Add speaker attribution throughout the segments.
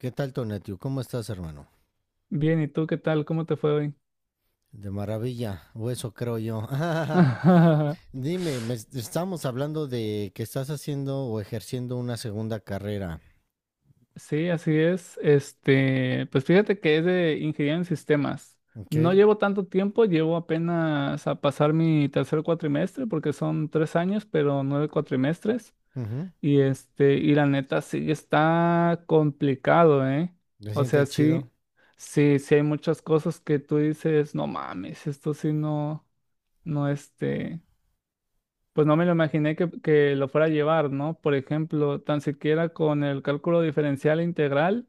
Speaker 1: ¿Qué tal, Tonatiu? ¿Cómo estás, hermano?
Speaker 2: Bien, ¿y tú qué tal? ¿Cómo te fue hoy?
Speaker 1: De maravilla, o eso creo yo. Dime, estamos hablando de que estás haciendo o ejerciendo una segunda carrera,
Speaker 2: Sí, así es. Pues fíjate que es de ingeniería en sistemas.
Speaker 1: ¿ok?
Speaker 2: No llevo tanto tiempo, llevo apenas a pasar mi tercer cuatrimestre, porque son 3 años, pero 9 cuatrimestres.
Speaker 1: Ujú.
Speaker 2: Y y la neta sí está complicado, ¿eh?
Speaker 1: ¿Te
Speaker 2: O sea,
Speaker 1: sientes
Speaker 2: sí,
Speaker 1: chido?
Speaker 2: sí, sí hay muchas cosas que tú dices, no mames, esto sí no, no. Pues no me lo imaginé que lo fuera a llevar, ¿no? Por ejemplo, tan siquiera con el cálculo diferencial e integral,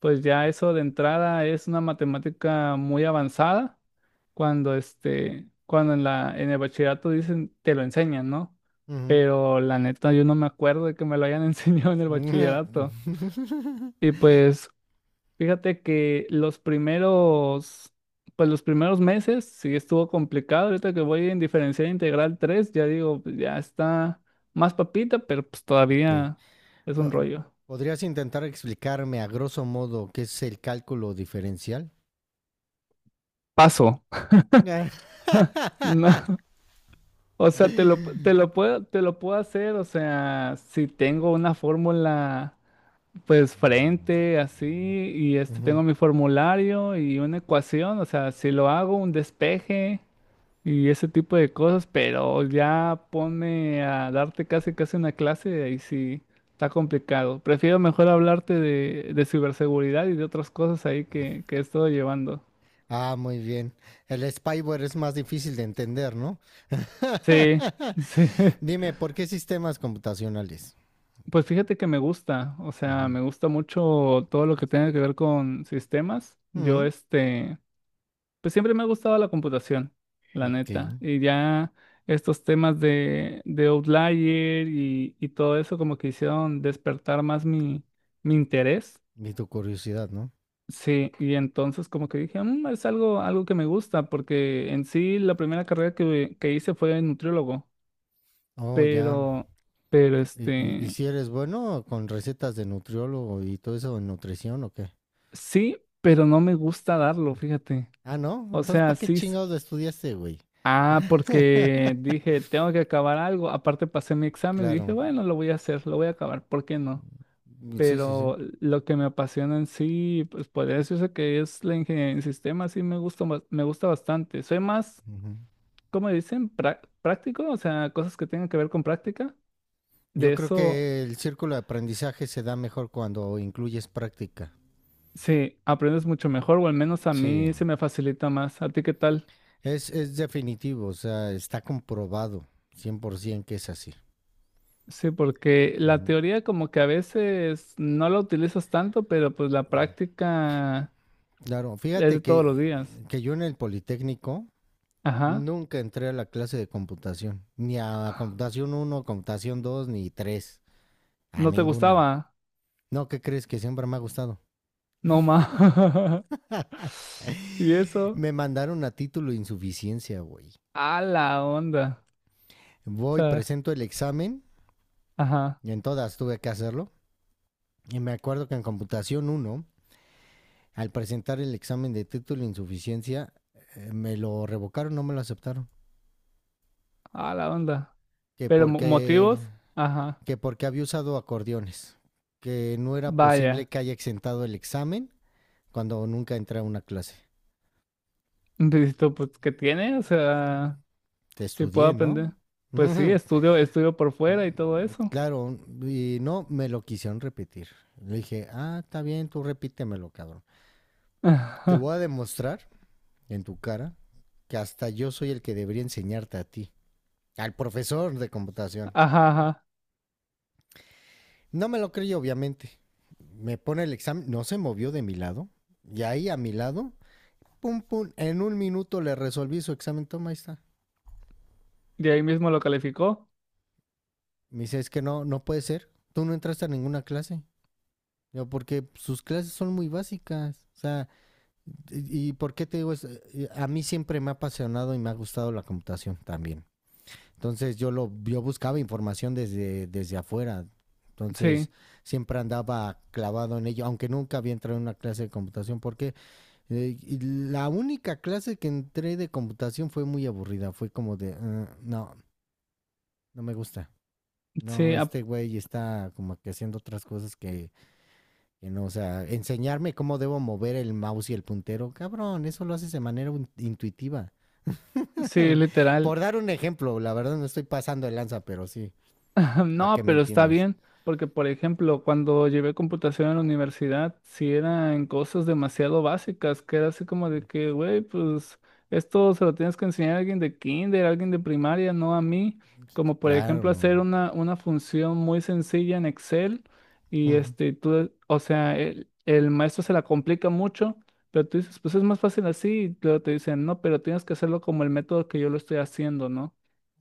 Speaker 2: pues ya eso de entrada es una matemática muy avanzada cuando cuando en en el bachillerato dicen, te lo enseñan, ¿no?
Speaker 1: Ujú.
Speaker 2: Pero la neta, yo no me acuerdo de que me lo hayan enseñado en el bachillerato. Y pues, fíjate que pues los primeros meses sí estuvo complicado. Ahorita que voy en diferencial integral 3, ya digo, pues, ya está más papita, pero pues
Speaker 1: Ok.
Speaker 2: todavía es un
Speaker 1: Uh,
Speaker 2: rollo.
Speaker 1: ¿Podrías intentar explicarme a grosso modo qué es el cálculo diferencial?
Speaker 2: Paso. No, o sea, te lo puedo hacer, o sea, si tengo una fórmula, pues frente, así,
Speaker 1: Ujú.
Speaker 2: tengo mi formulario y una ecuación, o sea, si lo hago, un despeje. Y ese tipo de cosas, pero ya pone a darte casi casi una clase, ahí sí está complicado. Prefiero mejor hablarte de ciberseguridad y de otras cosas ahí que he estado llevando.
Speaker 1: Ah, muy bien. El spyware es más difícil de entender, ¿no?
Speaker 2: Sí, sí.
Speaker 1: Dime, ¿por qué sistemas computacionales?
Speaker 2: Pues fíjate que me gusta, o sea,
Speaker 1: Ujú.
Speaker 2: me gusta mucho todo lo que tenga que ver con sistemas. Yo
Speaker 1: Mm,
Speaker 2: este Pues siempre me ha gustado la computación, la
Speaker 1: ok,
Speaker 2: neta. Y ya estos temas de Outlier y todo eso como que hicieron despertar más mi interés.
Speaker 1: ni tu curiosidad, ¿no?
Speaker 2: Sí, y entonces como que dije, "Mm, es algo, algo que me gusta, porque en sí la primera carrera que hice fue nutriólogo,
Speaker 1: Oh, ya.
Speaker 2: pero, pero
Speaker 1: ¿Y, y
Speaker 2: este,
Speaker 1: si eres bueno con recetas de nutriólogo y todo eso de nutrición o qué?
Speaker 2: sí, pero no me gusta darlo, fíjate.
Speaker 1: Ah, ¿no?
Speaker 2: O
Speaker 1: Entonces,
Speaker 2: sea,
Speaker 1: ¿para qué
Speaker 2: sí,
Speaker 1: chingados estudiaste, güey?
Speaker 2: ah, porque dije, tengo que acabar algo. Aparte pasé mi examen y dije,
Speaker 1: Claro.
Speaker 2: bueno, lo voy a hacer, lo voy a acabar, ¿por qué no?
Speaker 1: Mm, sí, sí, sí.
Speaker 2: Pero lo que me apasiona en sí, pues podría decirse que es la ingeniería en sistemas, sí me gusta, me gusta bastante. Soy más,
Speaker 1: Ujú.
Speaker 2: ¿como dicen? Práctico, o sea, cosas que tengan que ver con práctica.
Speaker 1: Yo
Speaker 2: De
Speaker 1: creo
Speaker 2: eso,
Speaker 1: que el círculo de aprendizaje se da mejor cuando incluyes práctica.
Speaker 2: sí, aprendes mucho mejor, o al menos a
Speaker 1: Sí.
Speaker 2: mí se me facilita más. ¿A ti qué tal?
Speaker 1: Es definitivo, o sea, está comprobado 100% que es así.
Speaker 2: Sí, porque la
Speaker 1: Ujú.
Speaker 2: teoría como que a veces no la utilizas tanto, pero pues la práctica...
Speaker 1: Claro,
Speaker 2: Es
Speaker 1: fíjate
Speaker 2: de todos los
Speaker 1: que,
Speaker 2: días.
Speaker 1: que yo en el Politécnico
Speaker 2: Ajá.
Speaker 1: nunca entré a la clase de computación, ni a computación uno computación 2 ni tres, a
Speaker 2: No te
Speaker 1: ninguna.
Speaker 2: gustaba.
Speaker 1: No, ¿qué crees? Que siempre me ha gustado.
Speaker 2: No más. Y eso.
Speaker 1: Me mandaron a título de insuficiencia, güey.
Speaker 2: A la onda. O
Speaker 1: Voy,
Speaker 2: sea,
Speaker 1: presento el examen,
Speaker 2: ajá.
Speaker 1: y en todas tuve que hacerlo. Y me acuerdo que en computación uno, al presentar el examen de título de insuficiencia, me lo revocaron, no me lo aceptaron.
Speaker 2: A la onda.
Speaker 1: Que porque,
Speaker 2: Motivos. Ajá.
Speaker 1: que porque había usado acordeones, que no era posible
Speaker 2: Vaya.
Speaker 1: que haya exentado el examen cuando nunca entré a una clase.
Speaker 2: Dices tú, pues, ¿qué tiene? O sea,
Speaker 1: Te
Speaker 2: si puedo
Speaker 1: estudié, ¿no?
Speaker 2: aprender. Pues sí, estudio por fuera y todo eso.
Speaker 1: Claro, y no me lo quisieron repetir. Le dije, ah, está bien, tú repítemelo, cabrón. Te
Speaker 2: Ajá,
Speaker 1: voy a demostrar en tu cara que hasta yo soy el que debería enseñarte a ti, al profesor de computación.
Speaker 2: ajá.
Speaker 1: No me lo creí, obviamente. Me pone el examen, no se movió de mi lado. Y ahí a mi lado, pum, pum, en 1 minuto le resolví su examen, toma, ahí está.
Speaker 2: Y ahí mismo lo calificó.
Speaker 1: Me dice, es que no, no puede ser. Tú no entraste a ninguna clase. Yo, porque sus clases son muy básicas. O sea, ¿y por qué te digo eso? A mí siempre me ha apasionado y me ha gustado la computación también. Entonces yo buscaba información desde afuera.
Speaker 2: Sí,
Speaker 1: Entonces siempre andaba clavado en ello, aunque nunca había entrado en una clase de computación. ¿Por qué? Y la única clase que entré de computación fue muy aburrida. Fue como de, "Ah, no, no me gusta. No,
Speaker 2: sí, ap-
Speaker 1: este güey está como que haciendo otras cosas que no. O sea, enseñarme cómo debo mover el mouse y el puntero. Cabrón, eso lo haces de manera intuitiva.
Speaker 2: sí, literal.
Speaker 1: Por dar un ejemplo, la verdad no estoy pasando de lanza, pero sí, para que
Speaker 2: No,
Speaker 1: me
Speaker 2: pero está
Speaker 1: entiendas.
Speaker 2: bien, porque por ejemplo, cuando llevé computación en la universidad, sí eran cosas demasiado básicas, que era así como de que, güey, pues esto se lo tienes que enseñar a alguien de kinder, a alguien de primaria, no a mí, como por ejemplo
Speaker 1: Claro,
Speaker 2: hacer una función muy sencilla en Excel
Speaker 1: ujú,
Speaker 2: tú, o sea, el maestro se la complica mucho, pero tú dices, pues es más fácil así, y luego te dicen, no, pero tienes que hacerlo como el método que yo lo estoy haciendo, ¿no?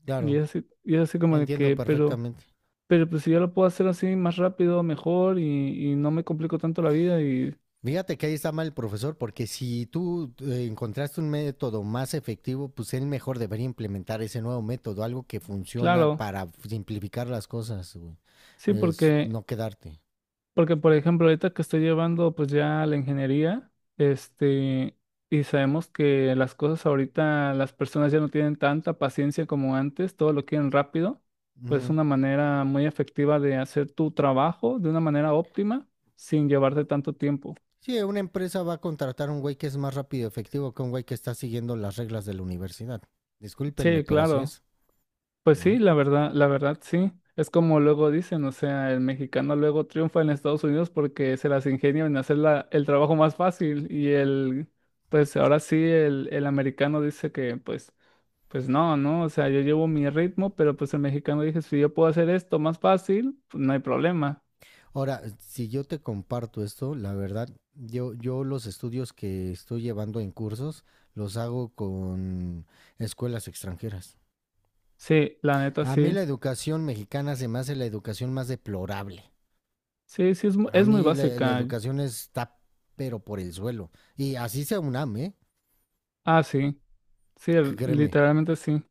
Speaker 1: claro,
Speaker 2: Y es así como de
Speaker 1: entiendo
Speaker 2: que, pero...
Speaker 1: perfectamente.
Speaker 2: Pero pues si yo lo puedo hacer así más rápido, mejor y no me complico tanto la vida y
Speaker 1: Fíjate que ahí está mal el profesor, porque si tú encontraste un método más efectivo, pues él mejor debería implementar ese nuevo método, algo que funciona
Speaker 2: claro,
Speaker 1: para simplificar las cosas, güey.
Speaker 2: sí,
Speaker 1: Es
Speaker 2: porque,
Speaker 1: no quedarte.
Speaker 2: porque por ejemplo ahorita que estoy llevando pues ya la ingeniería, este, y sabemos que las cosas ahorita las personas ya no tienen tanta paciencia como antes, todo lo quieren rápido, pues es
Speaker 1: Ujú.
Speaker 2: una manera muy efectiva de hacer tu trabajo de una manera óptima sin llevarte tanto tiempo.
Speaker 1: Sí, una empresa va a contratar a un güey que es más rápido y efectivo que un güey que está siguiendo las reglas de la universidad. Discúlpenme,
Speaker 2: Sí,
Speaker 1: pero así
Speaker 2: claro.
Speaker 1: es,
Speaker 2: Pues sí,
Speaker 1: ¿no?
Speaker 2: la verdad sí. Es como luego dicen, o sea, el mexicano luego triunfa en Estados Unidos porque se las ingenia en hacer el trabajo más fácil pues ahora sí, el americano dice que pues no, no, o sea, yo llevo mi ritmo, pero pues el mexicano dice, si yo puedo hacer esto más fácil, pues no hay problema.
Speaker 1: Ahora, si yo te comparto esto, la verdad, yo los estudios que estoy llevando en cursos los hago con escuelas extranjeras.
Speaker 2: Sí, la neta
Speaker 1: A mí la
Speaker 2: sí.
Speaker 1: educación mexicana se me hace la educación más deplorable.
Speaker 2: Sí, sí, es,
Speaker 1: Para
Speaker 2: es muy
Speaker 1: mí la
Speaker 2: básica.
Speaker 1: educación está pero por el suelo. Y así sea UNAM, ¿eh?
Speaker 2: Ah, sí, sí,
Speaker 1: Créeme.
Speaker 2: literalmente sí.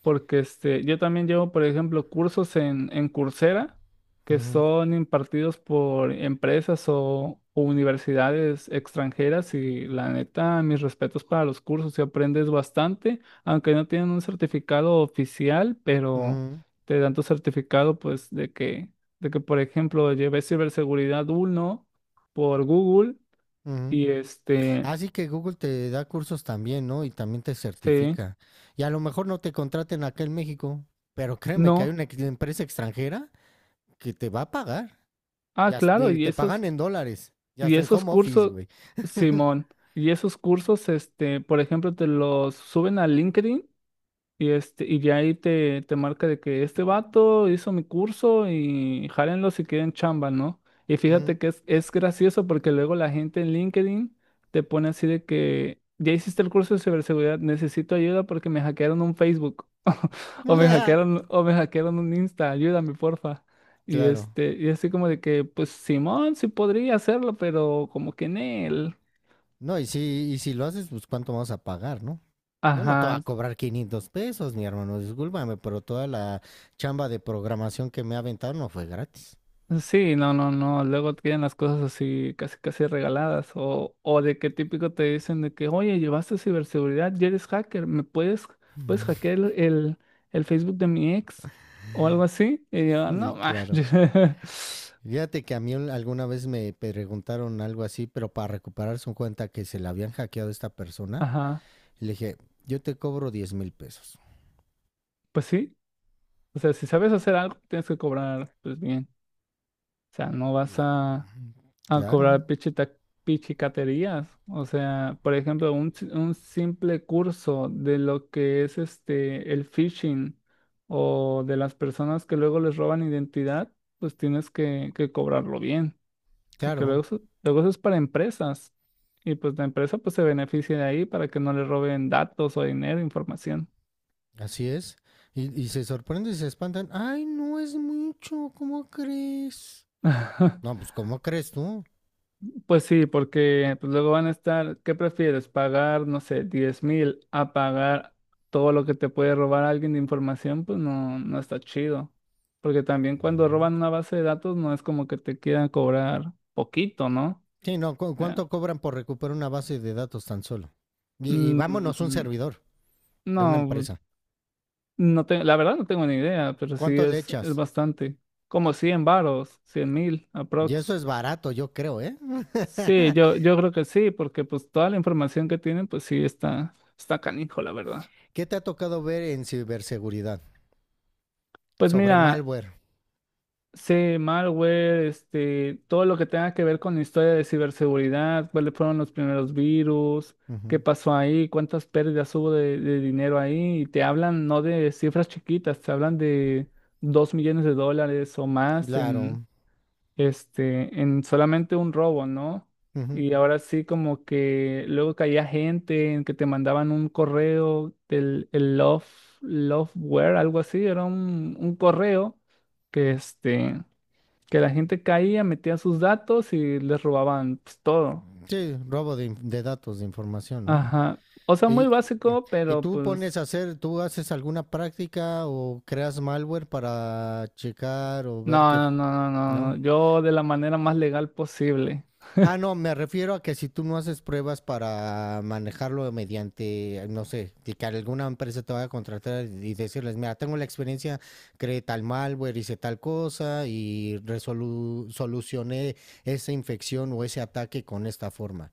Speaker 2: Porque yo también llevo, por ejemplo, cursos en Coursera que
Speaker 1: Ujú,
Speaker 2: son impartidos por empresas o universidades extranjeras y la neta, mis respetos para los cursos, si aprendes bastante, aunque no tienen un certificado oficial, pero
Speaker 1: ujú,
Speaker 2: te dan tu certificado pues de que, por ejemplo, llevé ciberseguridad 1 por Google
Speaker 1: ujú.
Speaker 2: y este,
Speaker 1: Así que Google te da cursos también, ¿no? Y también te
Speaker 2: sí,
Speaker 1: certifica. Y a lo mejor no te contraten acá en México, pero créeme que hay
Speaker 2: no.
Speaker 1: una empresa extranjera que te va a pagar.
Speaker 2: Ah,
Speaker 1: Ya
Speaker 2: claro,
Speaker 1: te,
Speaker 2: y
Speaker 1: te
Speaker 2: esos...
Speaker 1: pagan en dólares. Ya
Speaker 2: Y
Speaker 1: está en
Speaker 2: esos
Speaker 1: home office,
Speaker 2: cursos,
Speaker 1: güey.
Speaker 2: Simón, por ejemplo, te los suben a LinkedIn y ya ahí te marca de que este vato hizo mi curso y jálenlo si quieren chamba, ¿no? Y
Speaker 1: Ujú.
Speaker 2: fíjate que es gracioso porque luego la gente en LinkedIn te pone así de que ya hiciste el curso de ciberseguridad, necesito ayuda porque me hackearon un Facebook o me hackearon un Insta, ayúdame, porfa.
Speaker 1: Claro.
Speaker 2: Y así como de que, pues Simón sí podría hacerlo, pero como que en él.
Speaker 1: No, y si lo haces, pues cuánto vamos a pagar, ¿no? Yo no te voy a
Speaker 2: Ajá,
Speaker 1: cobrar 500 pesos, mi hermano, discúlpame, pero toda la chamba de programación que me ha aventado no fue gratis.
Speaker 2: sí, no, no, no. Luego tienen las cosas así casi casi regaladas. O de qué típico te dicen de que, oye, llevaste ciberseguridad, ya eres hacker, puedes hackear el Facebook de mi ex o algo así. Y yo,
Speaker 1: Sí,
Speaker 2: no, ma".
Speaker 1: claro. Fíjate que a mí alguna vez me preguntaron algo así, pero para recuperar su cuenta que se la habían hackeado a esta persona,
Speaker 2: Ajá.
Speaker 1: le dije, yo te cobro 10,000 pesos.
Speaker 2: Pues sí. O sea, si sabes hacer algo, tienes que cobrar, pues bien. O sea, no vas
Speaker 1: Y,
Speaker 2: a
Speaker 1: "Mm,
Speaker 2: a
Speaker 1: claro,
Speaker 2: cobrar pichicaterías. O sea, por ejemplo, un, si- un simple curso de lo que es el phishing o de las personas que luego les roban identidad, pues tienes que cobrarlo bien, porque
Speaker 1: claro,
Speaker 2: luego eso es para empresas. Y pues la empresa pues se beneficia de ahí para que no le roben datos o dinero, información.
Speaker 1: así es. Y se sorprenden y se espantan. Ay, no es mucho, ¿cómo crees? No, pues ¿cómo crees tú?
Speaker 2: Pues sí, porque pues, luego van a estar, ¿qué prefieres? ¿Pagar, no sé, 10,000 a pagar todo lo que te puede robar alguien de información? Pues no, no está chido. Porque también cuando
Speaker 1: Ujú.
Speaker 2: roban una base de datos no es como que te quieran cobrar poquito, ¿no?
Speaker 1: Sí, no,
Speaker 2: Ya.
Speaker 1: cuánto cobran por recuperar una base de datos tan solo? Y vámonos un
Speaker 2: Mm,
Speaker 1: servidor de una
Speaker 2: no,
Speaker 1: empresa.
Speaker 2: no, la verdad no tengo ni idea, pero sí
Speaker 1: ¿Cuánto le
Speaker 2: es,
Speaker 1: echas?
Speaker 2: bastante. Como 100 varos, 100,000
Speaker 1: Y eso
Speaker 2: aprox.
Speaker 1: es barato, yo creo, ¿eh?
Speaker 2: Sí, yo, yo creo que sí, porque pues toda la información que tienen, pues sí está canijo, la verdad.
Speaker 1: ¿Qué te ha tocado ver en ciberseguridad?
Speaker 2: Pues
Speaker 1: Sobre
Speaker 2: mira,
Speaker 1: malware.
Speaker 2: sé malware, todo lo que tenga que ver con la historia de ciberseguridad, cuáles fueron los primeros virus, qué
Speaker 1: Ujú,
Speaker 2: pasó ahí, cuántas pérdidas hubo de dinero ahí, y te hablan no de cifras chiquitas, te hablan de 2 millones de dólares o más en,
Speaker 1: claro.
Speaker 2: en solamente un robo, ¿no?
Speaker 1: Ujú.
Speaker 2: Y ahora sí como que luego caía gente en que te mandaban un correo del el Loveware, algo así, era un correo que este, que la gente caía, metía sus datos y les robaban pues, todo.
Speaker 1: Sí, robo de, de datos, de información, ¿no?
Speaker 2: Ajá. O sea, muy
Speaker 1: ¿Y,
Speaker 2: básico,
Speaker 1: y
Speaker 2: pero
Speaker 1: tú pones
Speaker 2: pues
Speaker 1: a hacer, tú haces alguna práctica o creas malware para checar o ver
Speaker 2: no,
Speaker 1: que,
Speaker 2: no, no, no, no,
Speaker 1: ¿no?
Speaker 2: no. Yo de la manera más legal posible.
Speaker 1: Ah, no, me refiero a que si tú no haces pruebas para manejarlo mediante, no sé, de que alguna empresa te vaya a contratar y decirles, mira, tengo la experiencia, creé tal malware, hice tal cosa y solucioné esa infección o ese ataque con esta forma.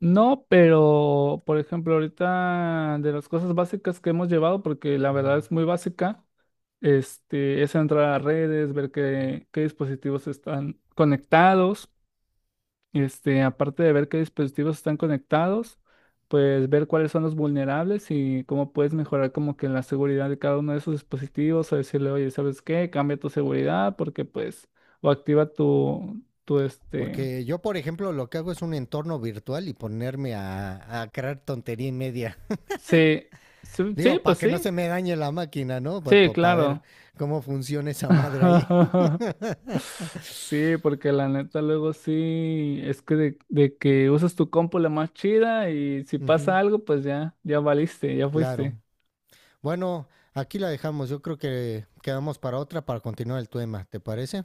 Speaker 2: No, pero por ejemplo, ahorita de las cosas básicas que hemos llevado, porque la verdad
Speaker 1: Mm.
Speaker 2: es muy básica, es entrar a redes, ver qué dispositivos están conectados, aparte de ver qué dispositivos están conectados, pues ver cuáles son los vulnerables y cómo puedes mejorar como que la seguridad de cada uno de esos dispositivos, o decirle, oye, ¿sabes qué? Cambia tu seguridad porque pues, o activa tu
Speaker 1: Porque yo, por ejemplo, lo que hago es un entorno virtual y ponerme a crear tontería y media.
Speaker 2: sí, sí, sí,
Speaker 1: Digo, para
Speaker 2: pues
Speaker 1: que no
Speaker 2: sí,
Speaker 1: se me dañe la máquina, ¿no?
Speaker 2: sí,
Speaker 1: Para ver
Speaker 2: claro.
Speaker 1: cómo funciona esa madre ahí.
Speaker 2: Sí, porque la neta luego sí, es que de que usas tu compu la más chida y si
Speaker 1: Ujú,
Speaker 2: pasa algo, pues ya, ya valiste, ya
Speaker 1: claro.
Speaker 2: fuiste.
Speaker 1: Bueno, aquí la dejamos. Yo creo que quedamos para otra para continuar el tema. ¿Te parece?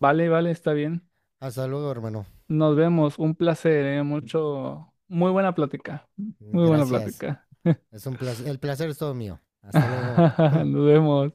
Speaker 2: Vale, vale, está bien.
Speaker 1: Hasta luego, hermano.
Speaker 2: Nos vemos, un placer, mucho, muy buena plática, muy buena
Speaker 1: Gracias.
Speaker 2: plática.
Speaker 1: Es un placer. El placer es todo mío. Hasta luego.
Speaker 2: Nos vemos.